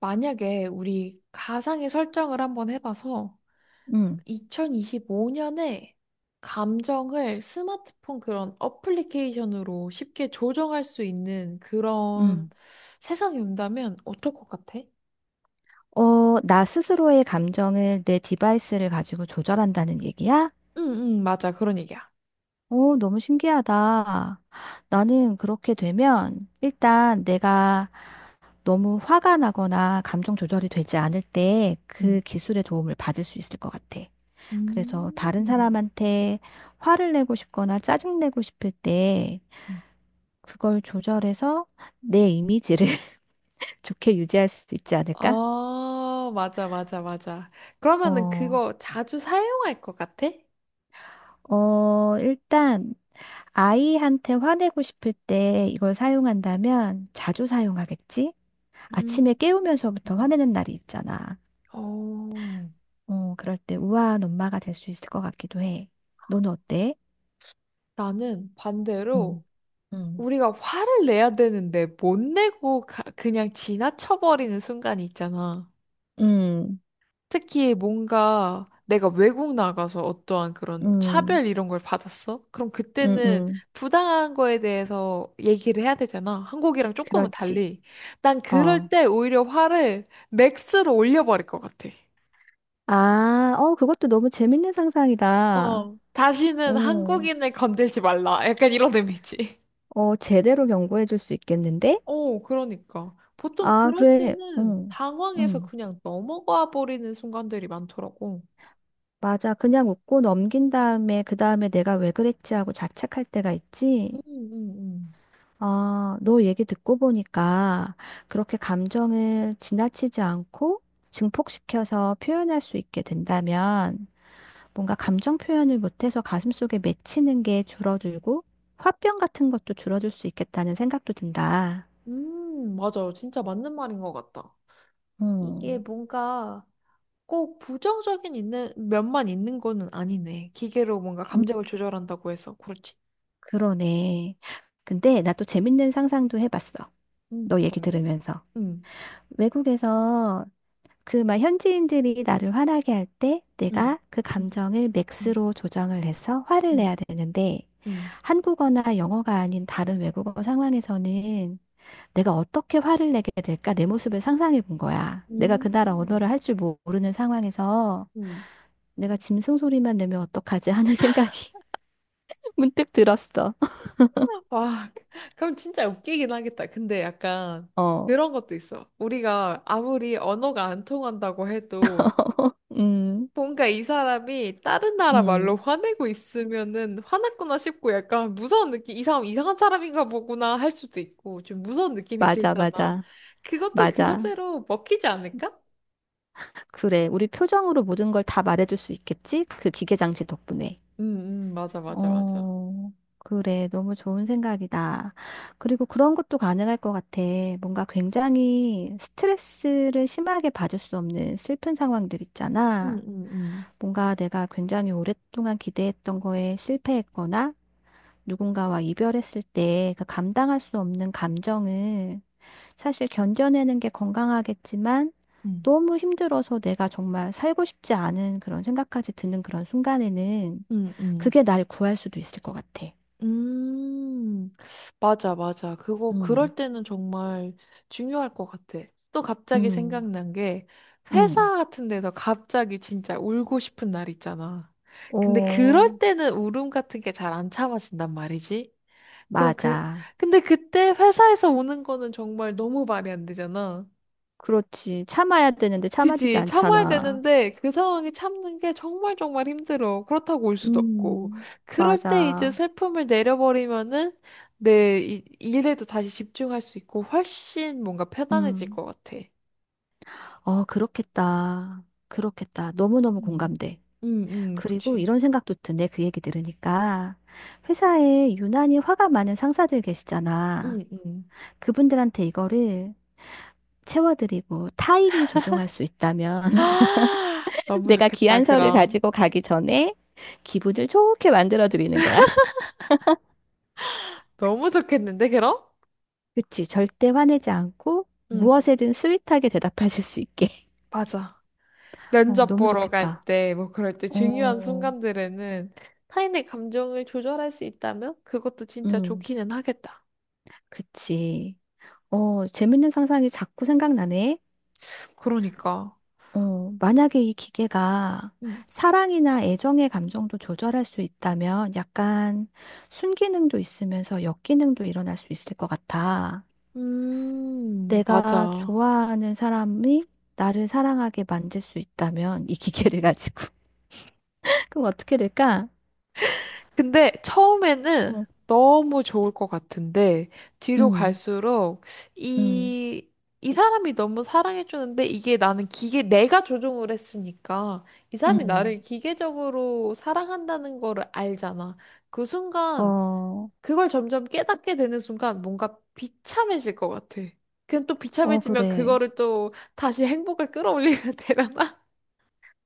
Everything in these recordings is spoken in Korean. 만약에 우리 가상의 설정을 한번 해봐서 음, 2025년에 감정을 스마트폰 그런 어플리케이션으로 쉽게 조정할 수 있는 그런 음. 세상이 온다면 어떨 것 같아? 나 스스로의 감정을 내 디바이스를 가지고 조절한다는 얘기야? 응, 응, 맞아. 그런 얘기야. 오, 너무 신기하다. 나는 그렇게 되면 일단 내가 너무 화가 나거나 감정 조절이 되지 않을 때 응. 그 기술의 도움을 받을 수 있을 것 같아. 그래서 다른 음. 사람한테 화를 내고 싶거나 짜증내고 싶을 때 그걸 조절해서 내 이미지를 좋게 유지할 수 있지 않을까? 아, 맞아, 맞아, 맞아. 그러면은 어, 그거 자주 사용할 것 같아? 일단 아이한테 화내고 싶을 때 이걸 사용한다면 자주 사용하겠지? 아침에 음. 깨우면서부터 음. 화내는 날이 있잖아. 어, 그럴 때 우아한 엄마가 될 수 있을 것 같기도 해. 너는 어때? 나는 반대로 음, 음, 우리가 화를 내야 되는데 못 내고 그냥 지나쳐버리는 순간이 있잖아. 음, 특히 뭔가 내가 외국 나가서 어떠한 그런 음, 차별 이런 걸 받았어? 그럼 음, 그때는 음. 부당한 거에 대해서 얘기를 해야 되잖아. 한국이랑 조금은 그렇지. 달리. 난 그럴 어. 때 오히려 화를 맥스로 올려버릴 것 같아. 그것도 너무 재밌는 상상이다. 어. 다시는 어, 한국인을 건들지 말라. 약간 이런 의미지. 제대로 경고해 줄 수 있겠는데? 어, 그러니까. 보통 아, 그럴 그래. 때는 응, 당황해서 응. 그냥 넘어가 버리는 순간들이 많더라고. 맞아. 그냥 웃고 넘긴 다음에, 그 다음에 내가 왜 그랬지 하고 자책할 때가 음, 있지. 음, 아, 너 얘기 듣고 보니까 그렇게 감정을 지나치지 않고 증폭시켜서 표현할 수 있게 된다면 뭔가 감정 표현을 못해서 가슴속에 맺히는 게 줄어들고 화병 같은 것도 줄어들 수 있겠다는 생각도 든다. 맞아요. 진짜 맞는 말인 것 같다. 이게 음. 뭔가 꼭 부정적인 있는 면만 있는 거는 아니네. 기계로 뭔가 음. 감정을 조절한다고 해서. 그렇지. 그러네. 근데 나 또 재밌는 상상도 해봤어. 너 얘기 뭔데? 들으면서. 음, 외국에서 그 막 현지인들이 나를 화나게 할 때 음, 내가 그 음, 감정을 음, 맥스로 조정을 해서 화를 음, 내야 되는데 음. 한국어나 영어가 아닌 다른 외국어 상황에서는 내가 어떻게 화를 내게 될까 내 모습을 상상해 본 거야. 내가 음, 그 나라 언어를 할 줄 모르는 상황에서 음. 내가 짐승 소리만 내면 어떡하지 하는 생각이 문득 들었어. 와, 그럼 진짜 웃기긴 하겠다. 근데 약간 어, 그런 것도 있어. 우리가 아무리 언어가 안 통한다고 해도 음, 뭔가 이 사람이 다른 나라 말로 음, 화내고 있으면은 화났구나 싶고 약간 무서운 느낌, 이 사람 이상한 사람인가 보구나 할 수도 있고 좀 무서운 느낌이 맞아, 들잖아. 맞아, 그것도 맞아. 그것대로 먹히지 않을까? 그래, 우리 표정으로 모든 걸 다 말해줄 수 있겠지? 그 기계 장치 덕분에. 응, 응, 맞아, 맞아, 맞아. 어, 그래. 너무 좋은 생각이다. 그리고 그런 것도 가능할 것 같아. 뭔가 굉장히 스트레스를 심하게 받을 수 없는 슬픈 상황들 응, 있잖아. 응, 응. 뭔가 내가 굉장히 오랫동안 기대했던 거에 실패했거나 누군가와 이별했을 때 그 감당할 수 없는 감정을 사실 견뎌내는 게 건강하겠지만 응, 너무 힘들어서 내가 정말 살고 싶지 않은 그런 생각까지 드는 그런 순간에는 응, 응. 그게 날 구할 수도 있을 것 같아. 음, 맞아, 맞아. 음, 그럴 때는 정말 중요할 것 같아. 또 갑자기 음, 생각난 게, 음. 회사 같은 데서 갑자기 진짜 울고 싶은 날 있잖아. 근데 오, 그럴 때는 울음 같은 게 잘 안 참아진단 말이지. 그럼 그, 맞아. 근데 그때 회사에서 우는 거는 정말 너무 말이 안 되잖아. 그렇지. 참아야 되는데 참아지지 그지. 참아야 않잖아. 되는데 그 상황에 참는 게 정말 정말 힘들어. 그렇다고 올 수도 없고. 음, 그럴 때 이제 맞아. 슬픔을 내려버리면은 내 일에도 다시 집중할 수 있고 훨씬 뭔가 편안해질 음. 것 같아. 어, 그렇겠다. 그렇겠다. 너무너무 음. 공감돼. 응, 응, 그리고 그치. 이런 생각도 드네. 그 얘기 들으니까. 회사에 유난히 화가 많은 상사들 계시잖아. 응, 응. 그분들한테 이거를 채워드리고 타인이 조종할 수 있다면 너무 내가 좋겠다, 귀한 서를 그럼. 가지고 가기 전에 기분을 좋게 만들어 드리는 거야. 너무 좋겠는데, 그럼? 그치. 절대 화내지 않고 응, 무엇에든 스윗하게 대답하실 수 있게. 맞아. 어, 면접 너무 보러 갈 좋겠다. 때, 뭐 그럴 때 중요한 어, 순간들에는 타인의 감정을 조절할 수 있다면 그것도 진짜 음, 좋기는 하겠다. 그치. 어, 재밌는 상상이 자꾸 생각나네. 그러니까. 어, 만약에 이 기계가 음, 사랑이나 애정의 감정도 조절할 수 있다면 약간 순기능도 있으면서 역기능도 일어날 수 있을 것 같아. 내가 맞아. 좋아하는 사람이 나를 사랑하게 만들 수 있다면 이 기계를 가지고 그럼 어떻게 될까? 근데 처음에는 어, 너무 좋을 것 같은데, 뒤로 음, 갈수록 음, 이, 이 사람이 너무 사랑해주는데 이게 나는 기계, 내가 조종을 했으니까 이 사람이 음. 나를 기계적으로 사랑한다는 거를 알잖아. 그 순간 어, 그걸 점점 깨닫게 되는 순간 뭔가 비참해질 것 같아. 그럼 또 비참해지면 그래. 그거를 또 다시 행복을 끌어올리면 되려나?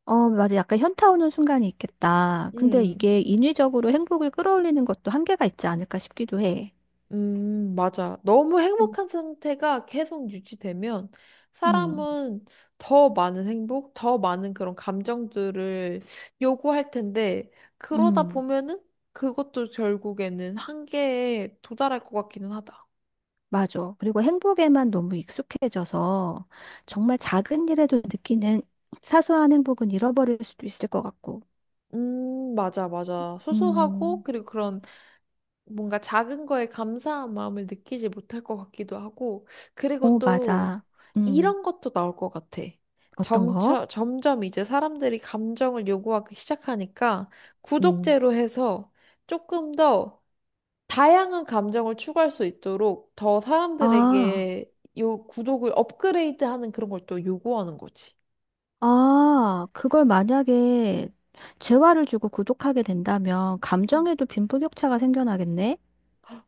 어, 맞아. 약간 현타 오는 순간이 있겠다. 근데 음, 이게 인위적으로 행복을 끌어올리는 것도 한계가 있지 않을까 싶기도 해. 맞아. 너무 음, 행복한 상태가 계속 유지되면 음, 사람은 더 많은 행복, 더 많은 그런 감정들을 요구할 텐데, 그러다 음. 보면은 그것도 결국에는 한계에 도달할 것 같기는 하다. 맞아. 그리고 행복에만 너무 익숙해져서 정말 작은 일에도 느끼는 사소한 행복은 잃어버릴 수도 있을 것 같고. 맞아, 맞아. 소소하고, 음. 그리고 그런 뭔가 작은 거에 감사한 마음을 느끼지 못할 것 같기도 하고, 그리고 오, 또 맞아. 음, 이런 것도 나올 것 같아. 어떤 거? 점점 이제 사람들이 감정을 요구하기 시작하니까 음. 구독제로 해서 조금 더 다양한 감정을 추구할 수 있도록 더 아, 사람들에게 요 구독을 업그레이드하는 그런 걸 또 요구하는 거지. 그걸 만약에 재화를 주고 구독하게 된다면 음. 감정에도 빈부격차가 생겨나겠네?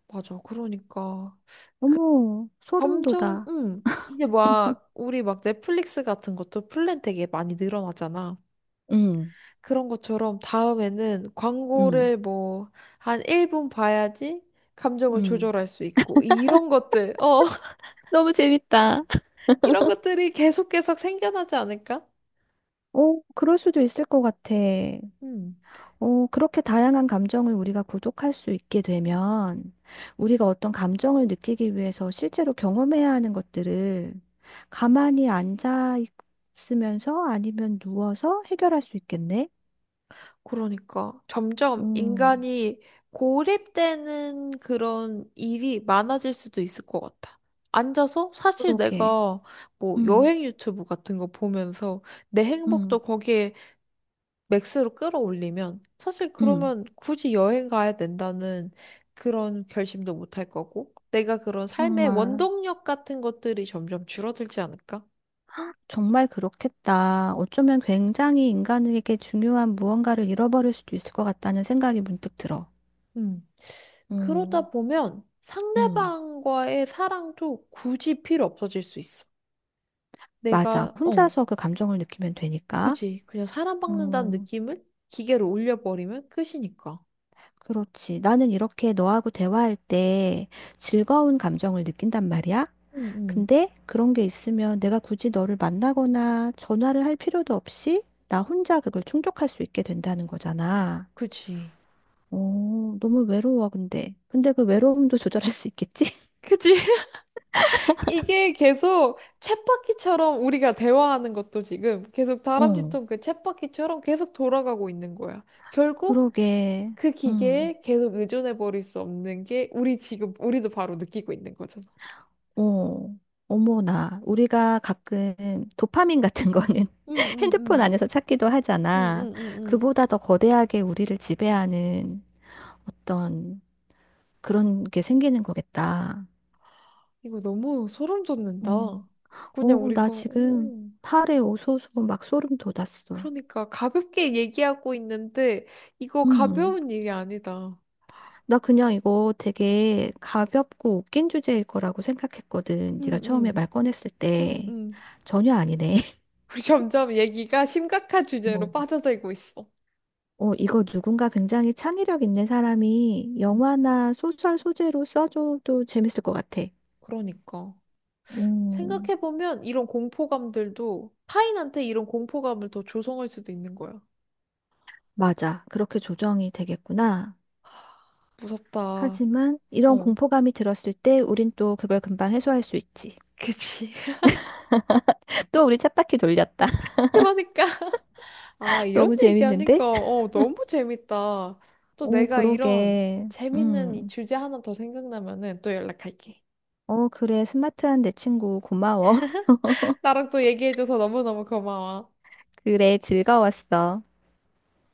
맞아. 그러니까. 어머, 소름 점점, 돋아. 응. 이제 막, 우리 막 넷플릭스 같은 것도 플랜 되게 많이 늘어나잖아. 음. 그런 것처럼 다음에는 음. 광고를 뭐, 한 1분 봐야지 감정을 음. 조절할 수 있고, 이런 것들, 어, 너무 재밌다. 이런 것들이 계속 계속 생겨나지 않을까? 오, 그럴 수도 있을 것 같아. 응. 어, 그렇게 다양한 감정을 우리가 구독할 수 있게 되면 우리가 어떤 감정을 느끼기 위해서 실제로 경험해야 하는 것들을 가만히 앉아 있으면서 아니면 누워서 해결할 수 있겠네? 그러니까 점점 음, 인간이 고립되는 그런 일이 많아질 수도 있을 것 같아. 앉아서 사실 그러게. 내가 뭐 음, 여행 유튜브 같은 거 보면서 내 행복도 음, 거기에 맥스로 끌어올리면 사실 음, 그러면 굳이 여행 가야 된다는 그런 결심도 못할 거고 내가 그런 삶의 정말, 원동력 같은 것들이 점점 줄어들지 않을까? 정말 그렇겠다. 어쩌면 굉장히 인간에게 중요한 무언가를 잃어버릴 수도 있을 것 같다는 생각이 문득 들어. 음. 음, 그러다 보면 음, 상대방과의 사랑도 굳이 필요 없어질 수 있어. 맞아. 내가, 어, 혼자서 그 감정을 느끼면 되니까. 그지. 그냥 사랑받는다는 음, 느낌을 기계로 올려버리면 끝이니까. 그렇지. 나는 이렇게 너하고 대화할 때 즐거운 감정을 느낀단 말이야. 응, 응. 근데 그런 게 있으면 내가 굳이 너를 만나거나 전화를 할 필요도 없이 나 혼자 그걸 충족할 수 있게 된다는 거잖아. 그지. 오, 너무 외로워, 근데. 근데 그 외로움도 조절할 수 있겠지? 그치? 이게 계속 쳇바퀴처럼 우리가 대화하는 것도 지금 계속 어, 다람쥐통 그 쳇바퀴처럼 계속 돌아가고 있는 거야. 결국 그러게. 그 음. 기계에 계속 의존해 버릴 수 없는 게 우리 지금 우리도 바로 느끼고 있는 거잖아. 어, 어머나. 우리가 가끔 도파민 같은 거는 응, 응, 핸드폰 응. 안에서 찾기도 하잖아. 응응응응. 그보다 더 거대하게 우리를 지배하는 어떤 그런 게 생기는 거겠다. 이거 너무 소름 돋는다. 어, 그냥 우리가 나 지금 오, 팔에 오소소 막 소름 돋았어. 그러니까 가볍게 얘기하고 있는데 이거 음, 가벼운 일이 아니다. 나 그냥 이거 되게 가볍고 웃긴 주제일 거라고 생각했거든. 네가 처음에 응응 말 꺼냈을 응응. 때. 전혀 아니네. 우리 점점 얘기가 심각한 주제로 빠져들고 있어. 어, 이거 누군가 굉장히 창의력 있는 사람이 음, 영화나 소설 소재로 써줘도 재밌을 것 같아. 그러니까 음, 생각해보면 이런 공포감들도 타인한테 이런 공포감을 더 조성할 수도 있는 거야. 맞아. 그렇게 조정이 되겠구나. 무섭다. 하지만 이런 어, 공포감이 들었을 때 우린 또 그걸 금방 해소할 수 있지. 그치. 또 우리 쳇바퀴 돌렸다. 그러니까. 아, 이런 너무 재밌는데? 얘기하니까, 어, 너무 재밌다. 또 오, 내가 이런 그러게. 재밌는 이 음. 주제 하나 더 생각나면은 또 연락할게. 어, 그래. 스마트한 내 친구 고마워. 나랑 또 얘기해줘서 너무너무 고마워. 그래, 즐거웠어.